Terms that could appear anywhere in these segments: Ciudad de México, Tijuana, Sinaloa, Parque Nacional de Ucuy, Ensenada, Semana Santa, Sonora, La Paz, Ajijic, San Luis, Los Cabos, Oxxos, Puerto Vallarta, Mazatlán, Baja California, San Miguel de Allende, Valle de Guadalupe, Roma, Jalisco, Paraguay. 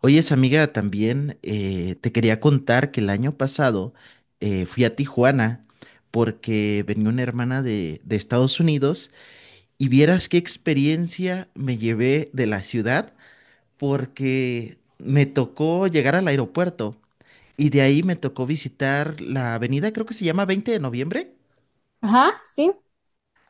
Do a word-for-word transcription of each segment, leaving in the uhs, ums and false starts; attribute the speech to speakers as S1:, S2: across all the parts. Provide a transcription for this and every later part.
S1: Oye, esa amiga, también eh, te quería contar que el año pasado eh, fui a Tijuana porque venía una hermana de, de Estados Unidos y vieras qué experiencia me llevé de la ciudad porque me tocó llegar al aeropuerto y de ahí me tocó visitar la avenida, creo que se llama veinte de noviembre.
S2: Ajá, sí.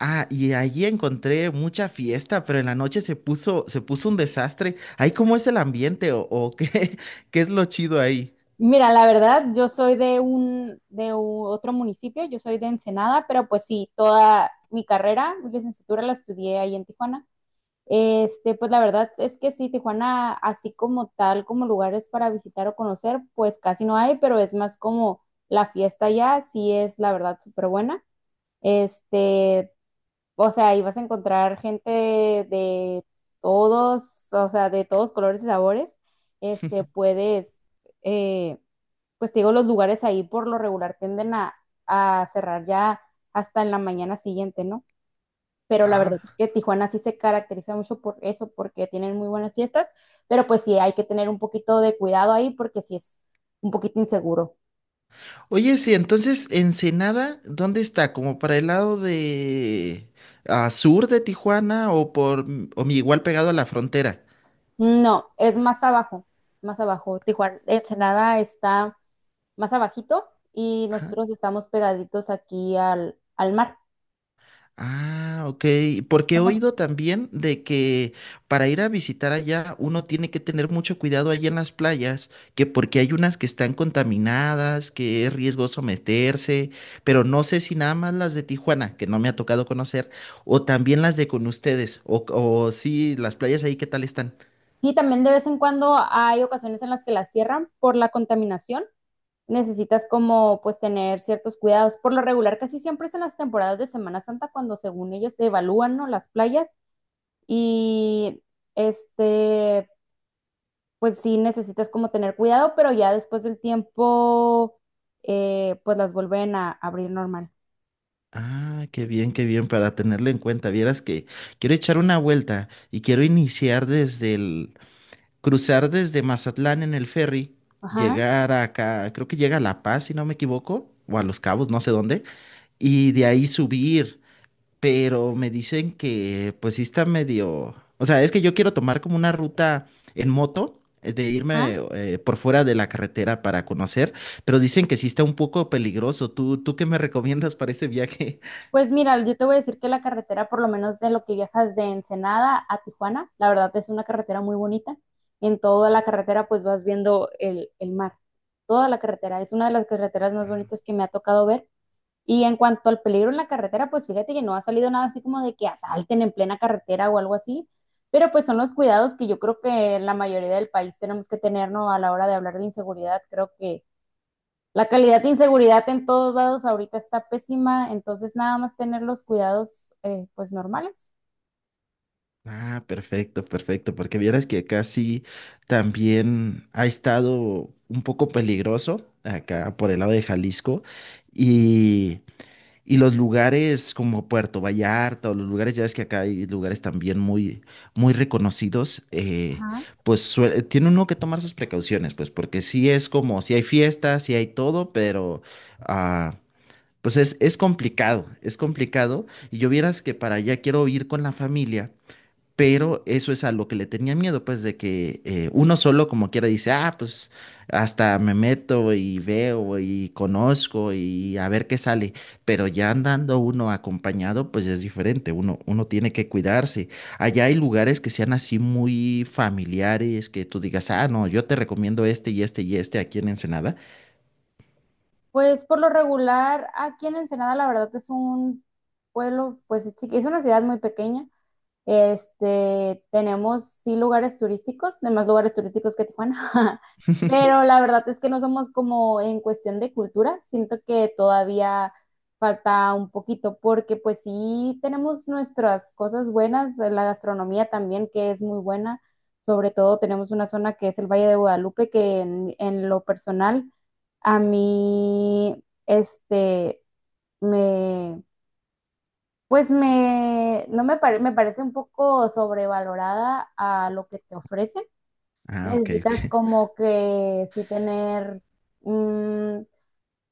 S1: Ah, y allí encontré mucha fiesta, pero en la noche se puso, se puso un desastre. Ahí, ¿cómo es el ambiente o, o qué, qué es lo chido ahí?
S2: Mira, la verdad, yo soy de un de u- otro municipio, yo soy de Ensenada, pero pues sí, toda mi carrera, mi licenciatura la estudié ahí en Tijuana. Este, pues la verdad es que sí, Tijuana, así como tal, como lugares para visitar o conocer, pues casi no hay, pero es más como la fiesta allá, sí es la verdad súper buena. Este, O sea, ahí vas a encontrar gente de todos, o sea, de todos colores y sabores. Este, puedes, eh, pues te digo, los lugares ahí por lo regular tienden a, a cerrar ya hasta en la mañana siguiente, ¿no? Pero la
S1: Ah,
S2: verdad es que Tijuana sí se caracteriza mucho por eso, porque tienen muy buenas fiestas, pero pues sí hay que tener un poquito de cuidado ahí porque sí es un poquito inseguro.
S1: oye, sí, entonces Ensenada, ¿dónde está? ¿Como para el lado de ah, sur de Tijuana o por o mi- igual pegado a la frontera?
S2: No, es más abajo, más abajo. Tijuana, Ensenada está más abajito y
S1: Ajá.
S2: nosotros estamos pegaditos aquí al, al mar.
S1: Ah, ok. Porque he
S2: Vamos.
S1: oído también de que para ir a visitar allá uno tiene que tener mucho cuidado allí en las playas, que porque hay unas que están contaminadas, que es riesgoso meterse, pero no sé si nada más las de Tijuana, que no me ha tocado conocer, o también las de con ustedes, o, o sí, las playas ahí, ¿qué tal están?
S2: Sí, también de vez en cuando hay ocasiones en las que las cierran por la contaminación. Necesitas como pues tener ciertos cuidados. Por lo regular, casi siempre es en las temporadas de Semana Santa cuando según ellos se evalúan, ¿no?, las playas y este, pues sí necesitas como tener cuidado, pero ya después del tiempo eh, pues las vuelven a abrir normal.
S1: Ah, qué bien, qué bien, para tenerlo en cuenta. Vieras que quiero echar una vuelta y quiero iniciar desde el, cruzar desde Mazatlán en el ferry,
S2: Ajá,
S1: llegar acá, creo que llega a La Paz, si no me equivoco, o a Los Cabos, no sé dónde, y de ahí subir. Pero me dicen que pues sí está medio, o sea, es que yo quiero tomar como una ruta en moto, eh, de irme
S2: ajá.
S1: eh, por fuera de la carretera para conocer, pero dicen que sí está un poco peligroso. ¿Tú, tú qué me recomiendas para este viaje?
S2: Pues mira, yo te voy a decir que la carretera, por lo menos de lo que viajas de Ensenada a Tijuana, la verdad es una carretera muy bonita. En toda la carretera pues vas viendo el, el mar. Toda la carretera es una de las carreteras más bonitas que me ha tocado ver. Y en cuanto al peligro en la carretera, pues fíjate que no ha salido nada así como de que asalten en plena carretera o algo así. Pero pues son los cuidados que yo creo que la mayoría del país tenemos que tener, ¿no? A la hora de hablar de inseguridad, creo que la calidad de inseguridad en todos lados ahorita está pésima, entonces nada más tener los cuidados, eh, pues normales.
S1: Ah, perfecto, perfecto, porque vieras que acá sí también ha estado un poco peligroso, acá por el lado de Jalisco, y, y los lugares como Puerto Vallarta o los lugares, ya ves que acá hay lugares también muy, muy reconocidos, eh,
S2: Ajá.
S1: pues sue- tiene uno que tomar sus precauciones, pues porque sí es como, sí hay fiestas, sí hay todo, pero... ah, pues es, es complicado, es complicado. Y yo vieras que para allá quiero ir con la familia pero eso es a lo que le tenía miedo, pues de que eh, uno solo como quiera dice, ah, pues hasta me meto y veo y conozco y a ver qué sale. Pero ya andando uno acompañado, pues es diferente, uno, uno tiene que cuidarse. Allá hay lugares que sean así muy familiares, que tú digas, ah, no, yo te recomiendo este y este y este aquí en Ensenada.
S2: Pues por lo regular, aquí en Ensenada la verdad es un pueblo, pues es chiqui- es una ciudad muy pequeña. Este, tenemos sí lugares turísticos, demás lugares turísticos que Tijuana, pero la verdad es que no somos como en cuestión de cultura, siento que todavía falta un poquito porque pues sí tenemos nuestras cosas buenas, la gastronomía también que es muy buena, sobre todo tenemos una zona que es el Valle de Guadalupe que en, en lo personal a mí este me pues me, no me, pare- me parece un poco sobrevalorada a lo que te ofrecen.
S1: Ah, ok, ok.
S2: Necesitas como que sí tener, mm,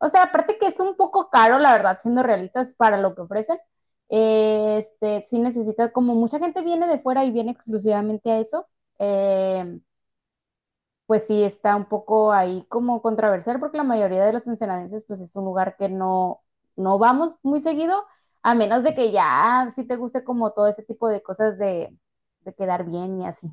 S2: o sea, aparte que es un poco caro, la verdad, siendo realistas para lo que ofrecen. Eh, Este, sí necesitas, como mucha gente viene de fuera y viene exclusivamente a eso. em, pues sí está un poco ahí como controversial porque la mayoría de los ensenadenses pues es un lugar que no, no vamos muy seguido, a menos de que ya sí te guste como todo ese tipo de cosas de, de quedar bien y así.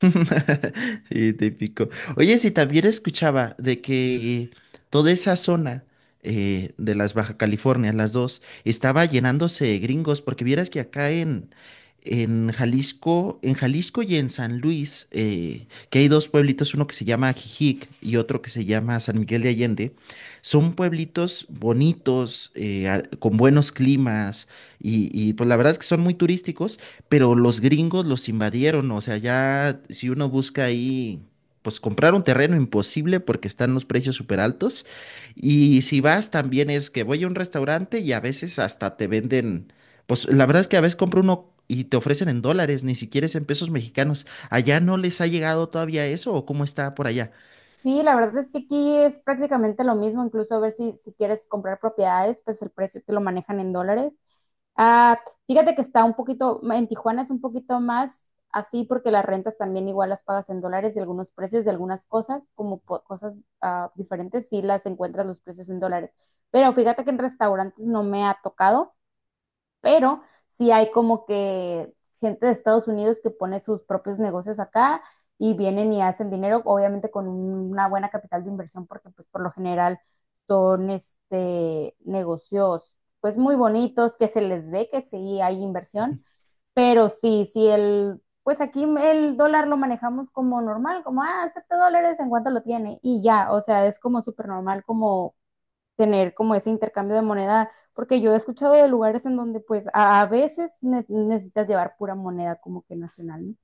S1: Sí, típico. Oye, sí, también escuchaba de que toda esa zona eh, de las Baja California, las dos, estaba llenándose de gringos, porque vieras que acá en, en Jalisco, en Jalisco y en San Luis, eh, que hay dos pueblitos, uno que se llama Ajijic y otro que se llama San Miguel de Allende, son pueblitos bonitos, eh, a- con buenos climas, y, y pues la verdad es que son muy turísticos pero los gringos los invadieron, o sea, ya si uno busca ahí, pues comprar un terreno imposible porque están los precios súper altos. Y si vas, también es que voy a un restaurante y a veces hasta te venden, pues la verdad es que a veces compro uno y te ofrecen en dólares, ni siquiera es en pesos mexicanos. ¿Allá no les ha llegado todavía eso o cómo está por allá?
S2: Sí, la verdad es que aquí es prácticamente lo mismo, incluso a ver si, si quieres comprar propiedades, pues el precio te lo manejan en dólares. Ah, fíjate que está un poquito, en Tijuana es un poquito más así porque las rentas también igual las pagas en dólares y algunos precios de algunas cosas, como po- cosas ah, diferentes, sí las encuentras los precios en dólares. Pero fíjate que en restaurantes no me ha tocado, pero sí hay como que gente de Estados Unidos que pone sus propios negocios acá y vienen y hacen dinero, obviamente con una buena capital de inversión, porque pues por lo general son este negocios pues muy bonitos, que se les ve que sí hay inversión, pero sí, sí el, pues aquí el dólar lo manejamos como normal, como, ah, siete dólares en cuánto lo tiene y ya, o sea, es como súper normal como tener como ese intercambio de moneda, porque yo he escuchado de lugares en donde pues a, a veces ne- necesitas llevar pura moneda como que nacional, ¿no?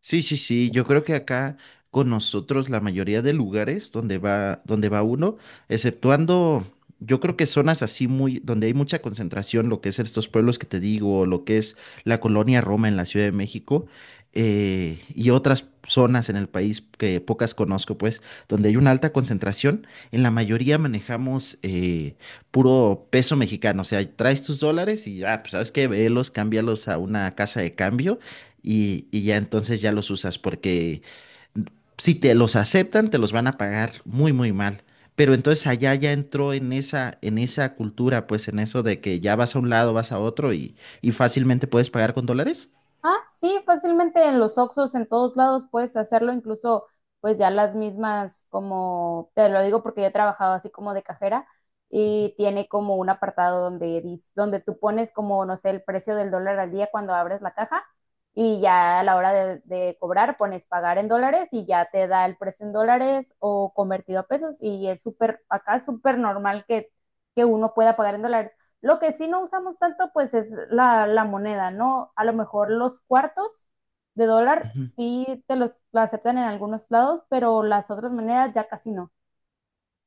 S1: Sí, sí, sí, yo creo que acá con nosotros la mayoría de lugares donde va, donde va uno, exceptuando, yo creo que zonas así muy, donde hay mucha concentración, lo que es estos pueblos que te digo, o lo que es la colonia Roma en la Ciudad de México, eh, y otras zonas en el país que pocas conozco, pues, donde hay una alta concentración, en la mayoría manejamos eh, puro peso mexicano, o sea, traes tus dólares y ya, pues, ¿sabes qué? Velos, cámbialos a una casa de cambio y, y ya entonces ya los usas porque si te los aceptan, te los van a pagar muy, muy mal. Pero entonces allá ya entró en esa, en esa cultura, pues en eso de que ya vas a un lado, vas a otro y, y fácilmente puedes pagar con dólares.
S2: Ah, sí, fácilmente en los Oxxos, en todos lados puedes hacerlo, incluso pues ya las mismas, como te lo digo porque yo he trabajado así como de cajera y tiene como un apartado donde, dis- donde tú pones como, no sé, el precio del dólar al día cuando abres la caja y ya a la hora de, de cobrar pones pagar en dólares y ya te da el precio en dólares o convertido a pesos y es súper, acá es súper normal que, que uno pueda pagar en dólares. Lo que sí no usamos tanto, pues es la, la moneda, ¿no? A lo mejor los cuartos de dólar sí te los lo aceptan en algunos lados, pero las otras monedas ya casi no.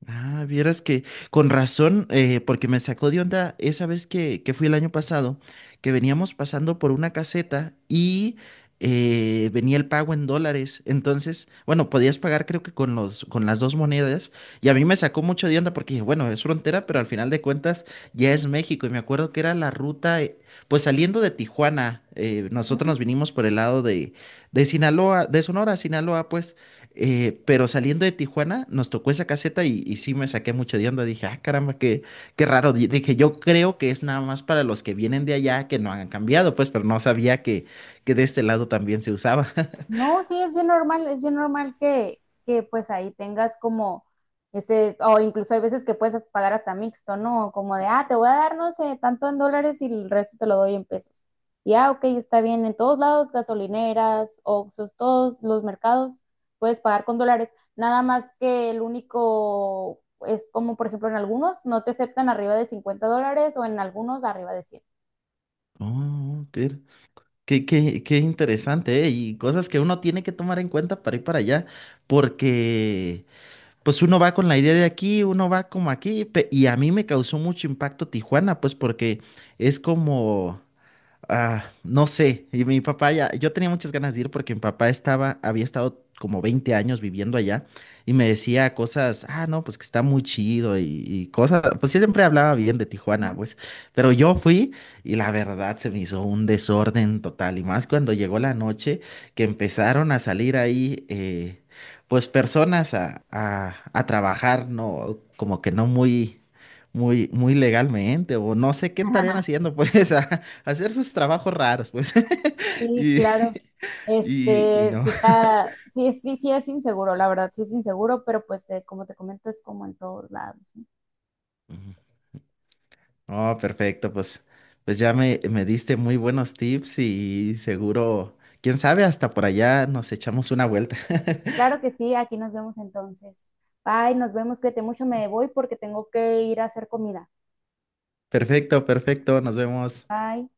S1: Ah, vieras que con razón, eh, porque me sacó de onda esa vez que, que fui el año pasado, que veníamos pasando por una caseta y eh, venía el pago en dólares. Entonces, bueno, podías pagar creo que con los, con las dos monedas. Y a mí me sacó mucho de onda porque dije, bueno, es frontera, pero al final de cuentas ya es México. Y me acuerdo que era la ruta, eh, pues saliendo de Tijuana, eh, nosotros nos
S2: Ujú.
S1: vinimos por el lado de, de Sinaloa, de Sonora, a Sinaloa, pues. Eh, pero saliendo de Tijuana, nos tocó esa caseta y, y sí me saqué mucho de onda. Dije, ah, caramba, qué, qué raro. Di- Dije, yo creo que es nada más para los que vienen de allá que no han cambiado, pues, pero no sabía que, que de este lado también se usaba.
S2: No, sí, es bien normal, es bien normal que, que pues ahí tengas como ese, o incluso hay veces que puedes as- pagar hasta mixto, ¿no? Como de, ah, te voy a dar, no sé, tanto en dólares y el resto te lo doy en pesos. Y ah, ok, está bien, en todos lados, gasolineras, Oxxos, todos los mercados, puedes pagar con dólares. Nada más que el único es como, por ejemplo, en algunos no te aceptan arriba de cincuenta dólares o en algunos arriba de cien.
S1: Oh, qué, qué, qué- qué interesante, ¿eh? Y cosas que uno tiene que tomar en cuenta para ir para allá, porque pues uno va con la idea de aquí, uno va como aquí, pe- y a mí me causó mucho impacto Tijuana, pues porque es como... Ah, no sé, y mi papá ya, yo tenía muchas ganas de ir porque mi papá estaba, había estado como veinte años viviendo allá y me decía cosas, ah, no, pues que está muy chido y, y cosas, pues yo siempre hablaba bien de Tijuana,
S2: Ajá.
S1: pues, pero yo fui y la verdad se me hizo un desorden total y más cuando llegó la noche que empezaron a salir ahí, eh, pues personas a, a, a trabajar, no, como que no muy... Muy, muy legalmente, o no sé qué estarían haciendo, pues, hacer sus trabajos raros, pues.
S2: Sí,
S1: Y,
S2: claro.
S1: y, y
S2: Este,
S1: no.
S2: sí está, sí, sí, sí es inseguro, la verdad, sí es inseguro, pero pues te- como te comento, es como en todos lados, ¿no?
S1: Ujú. Oh, perfecto, pues, pues ya me, me diste muy buenos tips y seguro, quién sabe, hasta por allá nos echamos una vuelta.
S2: Claro que sí, aquí nos vemos entonces. Bye, nos vemos, cuídate mucho, me voy porque tengo que ir a hacer comida.
S1: Perfecto, perfecto, nos vemos.
S2: Bye.